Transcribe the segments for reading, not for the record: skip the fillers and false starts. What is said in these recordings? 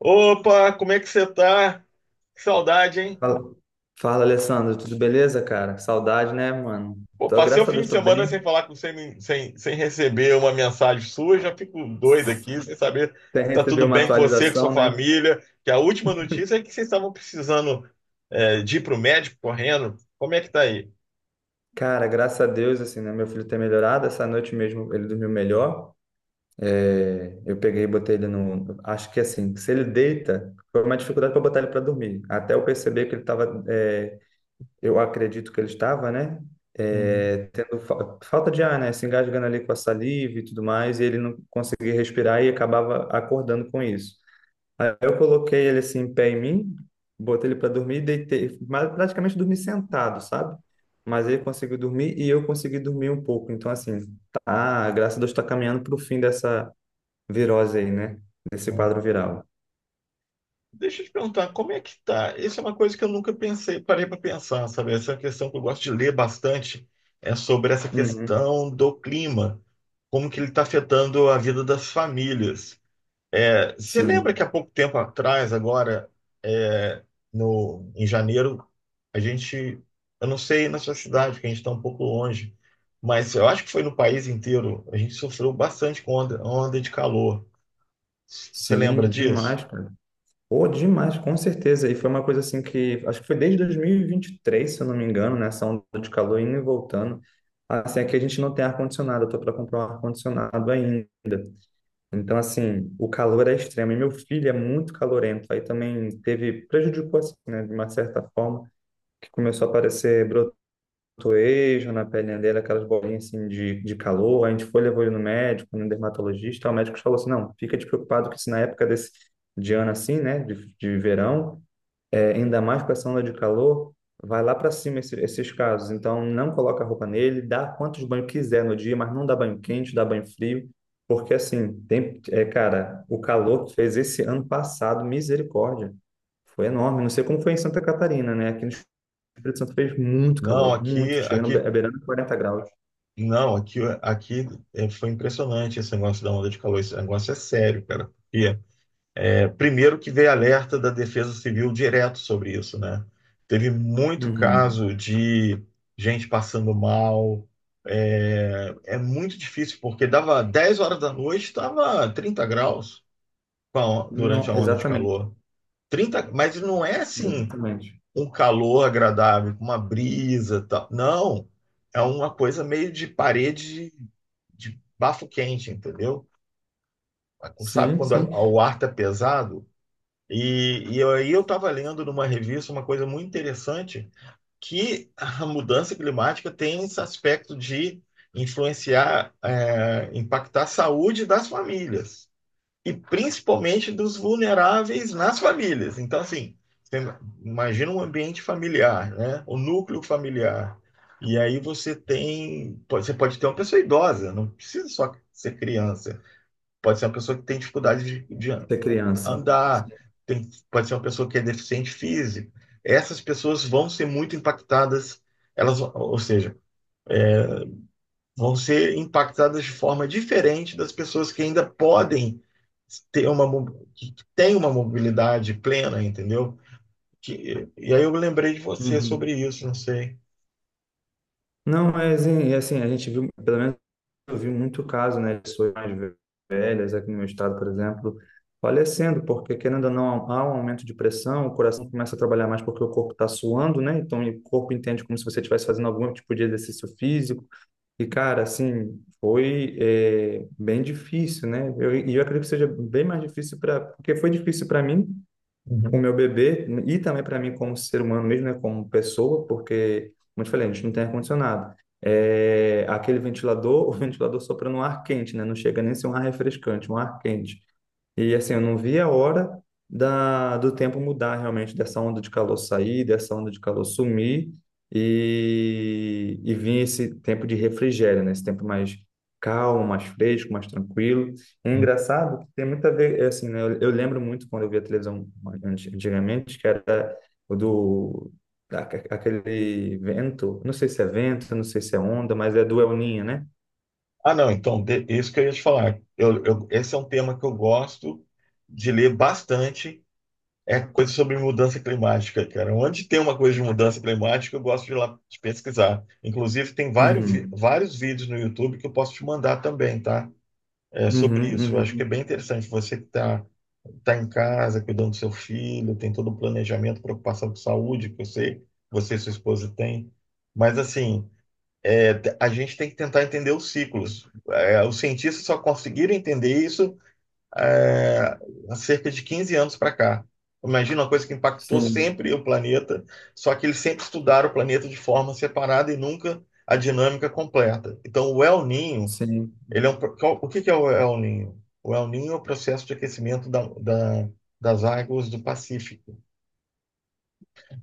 Opa, como é que você tá? Que saudade, hein? Fala, fala, Alessandro, tudo beleza, cara? Saudade, né, mano? Pô, Tô, passei o graças a fim Deus, de tô semana sem bem. falar com você, sem receber uma mensagem sua, já fico doido aqui, sem saber Até se tá receber tudo uma bem com você, com sua atualização, né? família. Que a última notícia é que vocês estavam precisando de ir pro médico correndo. Como é que tá aí? Cara, graças a Deus, assim, né? Meu filho tem melhorado. Essa noite mesmo ele dormiu melhor. É, eu peguei e botei ele no. Acho que assim, se ele deita, foi uma dificuldade para botar ele para dormir. Até eu perceber que ele estava. Eu acredito que ele estava, né? Uhum. Tendo falta de ar, né? Se engasgando ali com a saliva e tudo mais, e ele não conseguia respirar e acabava acordando com isso. Aí eu coloquei ele assim, em pé em mim, botei ele para dormir e deitei. Mas praticamente dormi sentado, sabe? Mas ele conseguiu dormir e eu consegui dormir um pouco. Então, assim, tá, graças a Deus está caminhando para o fim dessa virose aí, né? Desse quadro viral. Deixa eu te perguntar, como é que tá? Isso é uma coisa que eu nunca pensei, parei para pensar, sabe? Essa é uma questão que eu gosto de ler bastante sobre essa Uhum. questão do clima. Como que ele está afetando a vida das famílias. É, você lembra Sim, que há pouco tempo atrás, agora, é, no, em janeiro, a gente, eu não sei na sua cidade, que a gente está um pouco longe, mas eu acho que foi no país inteiro, a gente sofreu bastante com onda de calor. Você lembra sim, disso? demais, cara. Pô, demais, com certeza. E foi uma coisa assim que acho que foi desde dois mil e vinte e três, se eu não me engano, né? Essa onda de calor indo e voltando. Assim, aqui a gente não tem ar-condicionado, eu tô para comprar um ar-condicionado ainda. Então, assim, o calor é extremo. E meu filho é muito calorento. Aí também teve, prejudicou, assim, né, de uma certa forma, que começou a aparecer brotoejo na pele dele, aquelas bolinhas, assim, de calor. A gente foi, levou ele no médico, no dermatologista. O médico falou assim, não, fica despreocupado que se na época desse, de ano, assim, né, de verão, ainda mais com essa onda de calor, vai lá para cima esses casos. Então, não coloca a roupa nele, dá quantos banhos quiser no dia, mas não dá banho quente, dá banho frio, porque assim, tem, cara, o calor que fez esse ano passado, misericórdia, foi enorme. Não sei como foi em Santa Catarina, né? Aqui no Espírito Santo fez muito Não, calor, muito, aqui, chegando aqui, a beirando 40 graus. não, aqui, foi impressionante esse negócio da onda de calor. Esse negócio é sério, cara. E primeiro que veio alerta da Defesa Civil direto sobre isso, né? Teve muito Uhum. caso de gente passando mal. É, é muito difícil, porque dava 10 horas da noite, estava 30 graus durante Não, a onda de exatamente, calor. 30, mas não é assim exatamente. um calor agradável, com uma brisa, tal. Não, é uma coisa meio de de, bafo quente, entendeu? Sabe Sim, quando sim, o ar tá pesado? E aí eu estava lendo numa revista uma coisa muito interessante, que a mudança climática tem esse aspecto de influenciar, impactar a saúde das famílias, e principalmente dos vulneráveis nas famílias. Então, assim, você imagina um ambiente familiar, né? O núcleo familiar. E aí você você pode ter uma pessoa idosa, não precisa só ser criança. Pode ser uma pessoa que tem dificuldade de ser criança. andar, Sim. Pode ser uma pessoa que é deficiente físico. Essas pessoas vão ser muito impactadas, elas, ou seja, vão ser impactadas de forma diferente das pessoas que ainda podem ter uma, que têm uma mobilidade plena, entendeu? E aí eu lembrei de você Uhum. sobre isso, não sei. Não, mas e assim, a gente viu, pelo menos eu vi muito caso, né, de pessoas mais velhas aqui no meu estado, por exemplo, falecendo, porque querendo ou não, há um aumento de pressão, o coração começa a trabalhar mais porque o corpo está suando, né? Então o corpo entende como se você estivesse fazendo algum tipo de exercício físico. E, cara, assim, foi bem difícil, né? E eu, acredito que seja bem mais difícil para. Porque foi difícil para mim, o Uhum. meu bebê e também para mim como ser humano mesmo, né, como pessoa, porque, como eu te falei, a gente não tem ar-condicionado. É, aquele ventilador, o ventilador sopra no ar quente, né? Não chega nem a ser um ar refrescante, um ar quente. E assim, eu não vi a hora do tempo mudar realmente, dessa onda de calor sair, dessa onda de calor sumir e vir esse tempo de refrigério, né? Esse tempo mais calmo, mais fresco, mais tranquilo. É engraçado que tem muito a ver, é assim, né? Eu lembro muito quando eu via televisão antigamente, que era o do aquele vento, não sei se é vento, não sei se é onda, mas é do El Ninho, né? Ah, não, então, isso que eu ia te falar. Esse é um tema que eu gosto de ler bastante, é coisa sobre mudança climática, cara. Onde tem uma coisa de mudança climática, eu gosto de ir lá de pesquisar. Inclusive, tem Uhum, vários vídeos no YouTube que eu posso te mandar também, tá? É, sobre uhum, isso. Eu acho que é uhum. bem interessante. Você que está tá em casa, cuidando do seu filho, tem todo o planejamento, preocupação com saúde, que eu sei, você e sua esposa têm. Mas, assim, é, a gente tem que tentar entender os ciclos. É, os cientistas só conseguiram entender isso é, há cerca de 15 anos para cá. Imagina uma coisa que impactou Sim, sempre o planeta, só que eles sempre estudaram o planeta de forma separada e nunca a dinâmica completa. Então, o El Niño sim. ele é um, o que é o El Niño? O El Niño é o processo de aquecimento das águas do Pacífico.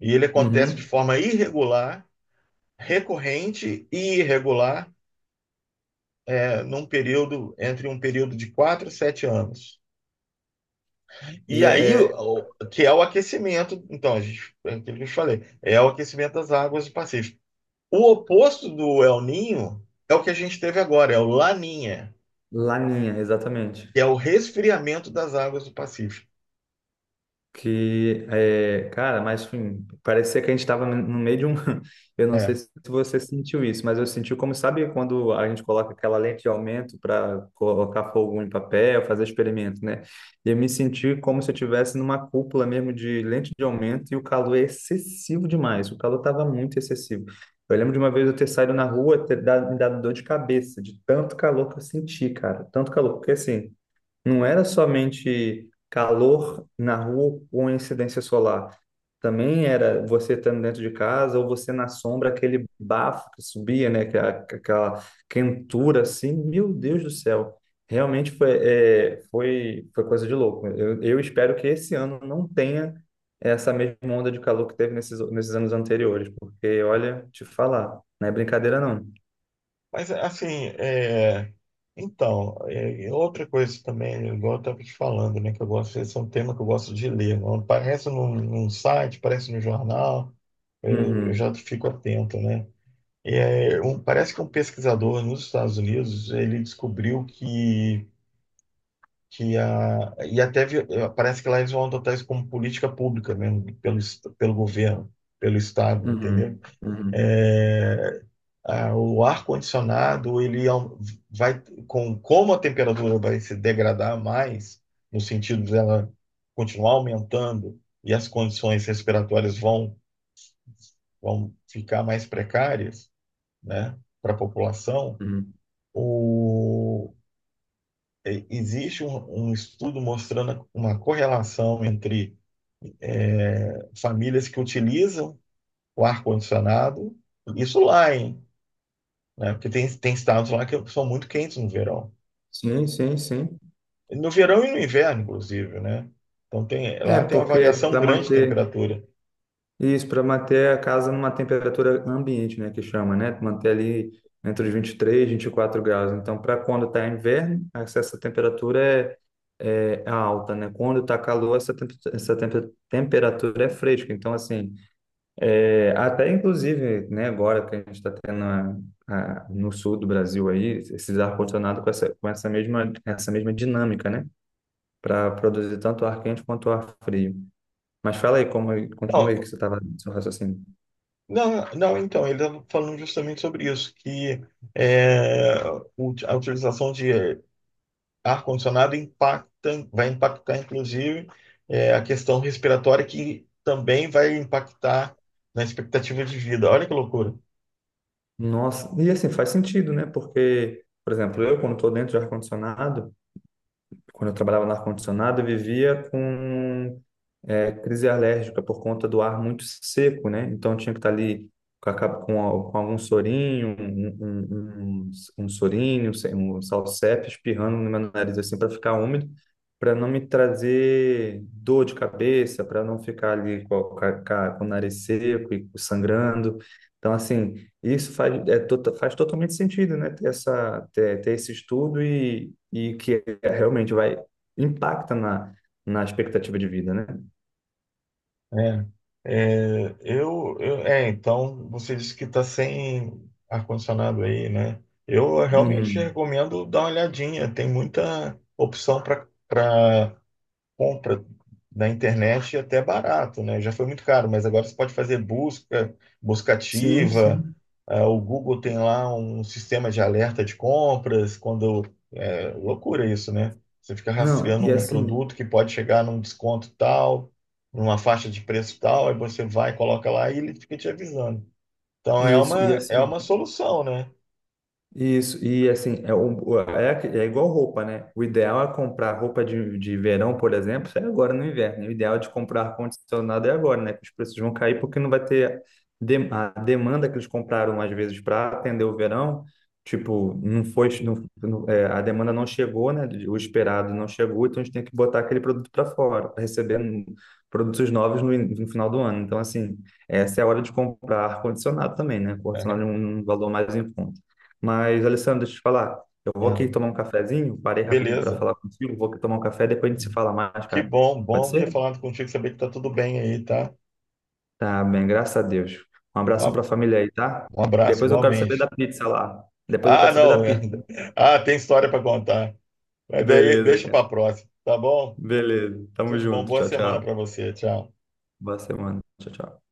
E ele acontece de Uhum. forma irregular, recorrente e irregular, num período entre um período de 4 a 7 anos. E E é aí, é que é o aquecimento, então, a gente, é aquilo que eu te falei, é o aquecimento das águas do Pacífico. O oposto do El Ninho é o que a gente teve agora, é o Laninha, Laninha, exatamente. que é o resfriamento das águas do Pacífico. Que é, cara, mas enfim, parecia que a gente estava no meio de um. Eu não É. sei se você sentiu isso, mas eu senti como, sabe, quando a gente coloca aquela lente de aumento para colocar fogo em papel, fazer experimento, né? E eu me senti como se eu estivesse numa cúpula mesmo de lente de aumento e o calor é excessivo demais. O calor estava muito excessivo. Eu lembro de uma vez eu ter saído na rua, me dado dor de cabeça, de tanto calor que eu senti, cara. Tanto calor, porque assim. Não era somente calor na rua com incidência solar. Também era você estando dentro de casa ou você na sombra, aquele bafo que subia, né? Aquela quentura assim. Meu Deus do céu. Realmente foi coisa de louco. Eu espero que esse ano não tenha essa mesma onda de calor que teve nesses anos anteriores, porque, olha, te falar, não é brincadeira não. Mas, assim, então, e outra coisa também, igual eu estava te falando, né, que eu gosto, esse é um tema que eu gosto de ler, não aparece num site, aparece no jornal, eu Uhum, já fico atento, né? É, parece que um pesquisador nos Estados Unidos, ele descobriu que a, e parece que lá eles vão adotar isso como política pública mesmo, pelo governo, pelo Estado, entendeu? uhum, uhum, É, o ar-condicionado, ele au- vai, com, como a temperatura vai se degradar mais, no sentido dela continuar aumentando e as condições respiratórias vão ficar mais precárias, né, para a população, uhum. o, existe um estudo mostrando uma correlação entre famílias que utilizam o ar-condicionado, isso lá, hein? Né? Porque tem estados lá que são muito quentes no verão. Sim, sim, sim. No verão e no inverno, inclusive, né? Então tem, É, lá tem uma porque variação para grande de manter temperatura. isso, para manter a casa numa temperatura ambiente, né, que chama, né? Manter ali entre os 23, 24 graus. Então, para quando está inverno, essa temperatura é alta, né? Quando está calor, essa temperatura é fresca. Então, assim, até inclusive, né, agora que a gente está tendo no sul do Brasil aí, esses ar-condicionado com essa mesma dinâmica, né? Para produzir tanto ar quente quanto ar frio. Mas fala aí como continua aí que Não, você estava no seu raciocínio. Não, então, ele estava falando justamente sobre isso, que é, a utilização de ar-condicionado impacta, vai impactar, inclusive, a questão respiratória, que também vai impactar na expectativa de vida. Olha que loucura. Nossa, e assim faz sentido, né? Porque, por exemplo, eu quando estou dentro de ar-condicionado, quando eu trabalhava no ar-condicionado, eu vivia com crise alérgica por conta do ar muito seco, né? Então eu tinha que estar ali com, a capa- com a- com algum sorinho, um sorinho, um salsepe espirrando no meu nariz assim para ficar úmido, para não me trazer dor de cabeça, para não ficar ali com o nariz seco e sangrando. Então assim isso faz totalmente sentido, né? Ter esse estudo e que realmente vai impacta na expectativa de vida, né? É, então, você disse que está sem ar-condicionado aí, né? Eu realmente Uhum. recomendo dar uma olhadinha. Tem muita opção para compra na internet e até barato, né? Já foi muito caro, mas agora você pode fazer busca Sim, ativa. sim. Ah, o Google tem lá um sistema de alerta de compras, quando é loucura isso, né? Você fica Não, rastreando um produto que pode chegar num desconto tal, numa faixa de preço tal, aí você vai, coloca lá e ele fica te avisando. Então isso, e é assim, uma solução, né? Isso, e assim, é igual roupa, né? O ideal é comprar roupa de verão, por exemplo, é agora no inverno, né? O ideal de comprar ar-condicionado é agora, né? Que os preços vão cair porque não vai ter a demanda que eles compraram, às vezes, para atender o verão. Tipo, não foi, não, não- é, a demanda não chegou, né? O esperado não chegou, então a gente tem que botar aquele produto para fora, para receber produtos novos no final do ano. Então, assim, essa é a hora de comprar ar-condicionado também, né? Ar-condicionado é um valor mais em conta. Mas, Alessandro, deixa eu te falar. Eu vou Ah, aqui tomar um cafezinho, parei rapidinho para beleza. falar contigo, vou aqui tomar um café, depois a gente se fala mais, Que cara. bom, Pode bom ter ser? falado contigo, saber que tá tudo bem aí, tá? Tá bem, graças a Deus. Um abração para Um a família aí, tá? Um abraço, Depois eu quero saber da igualmente. pizza lá. Depois eu Ah, quero saber da não. pizza. Ah, tem história para contar. Mas aí Beleza, deixa cara. para próxima, tá bom? Beleza. Tamo Tudo de bom, junto. boa Tchau, semana tchau. para você. Tchau. Boa semana. Tchau, tchau.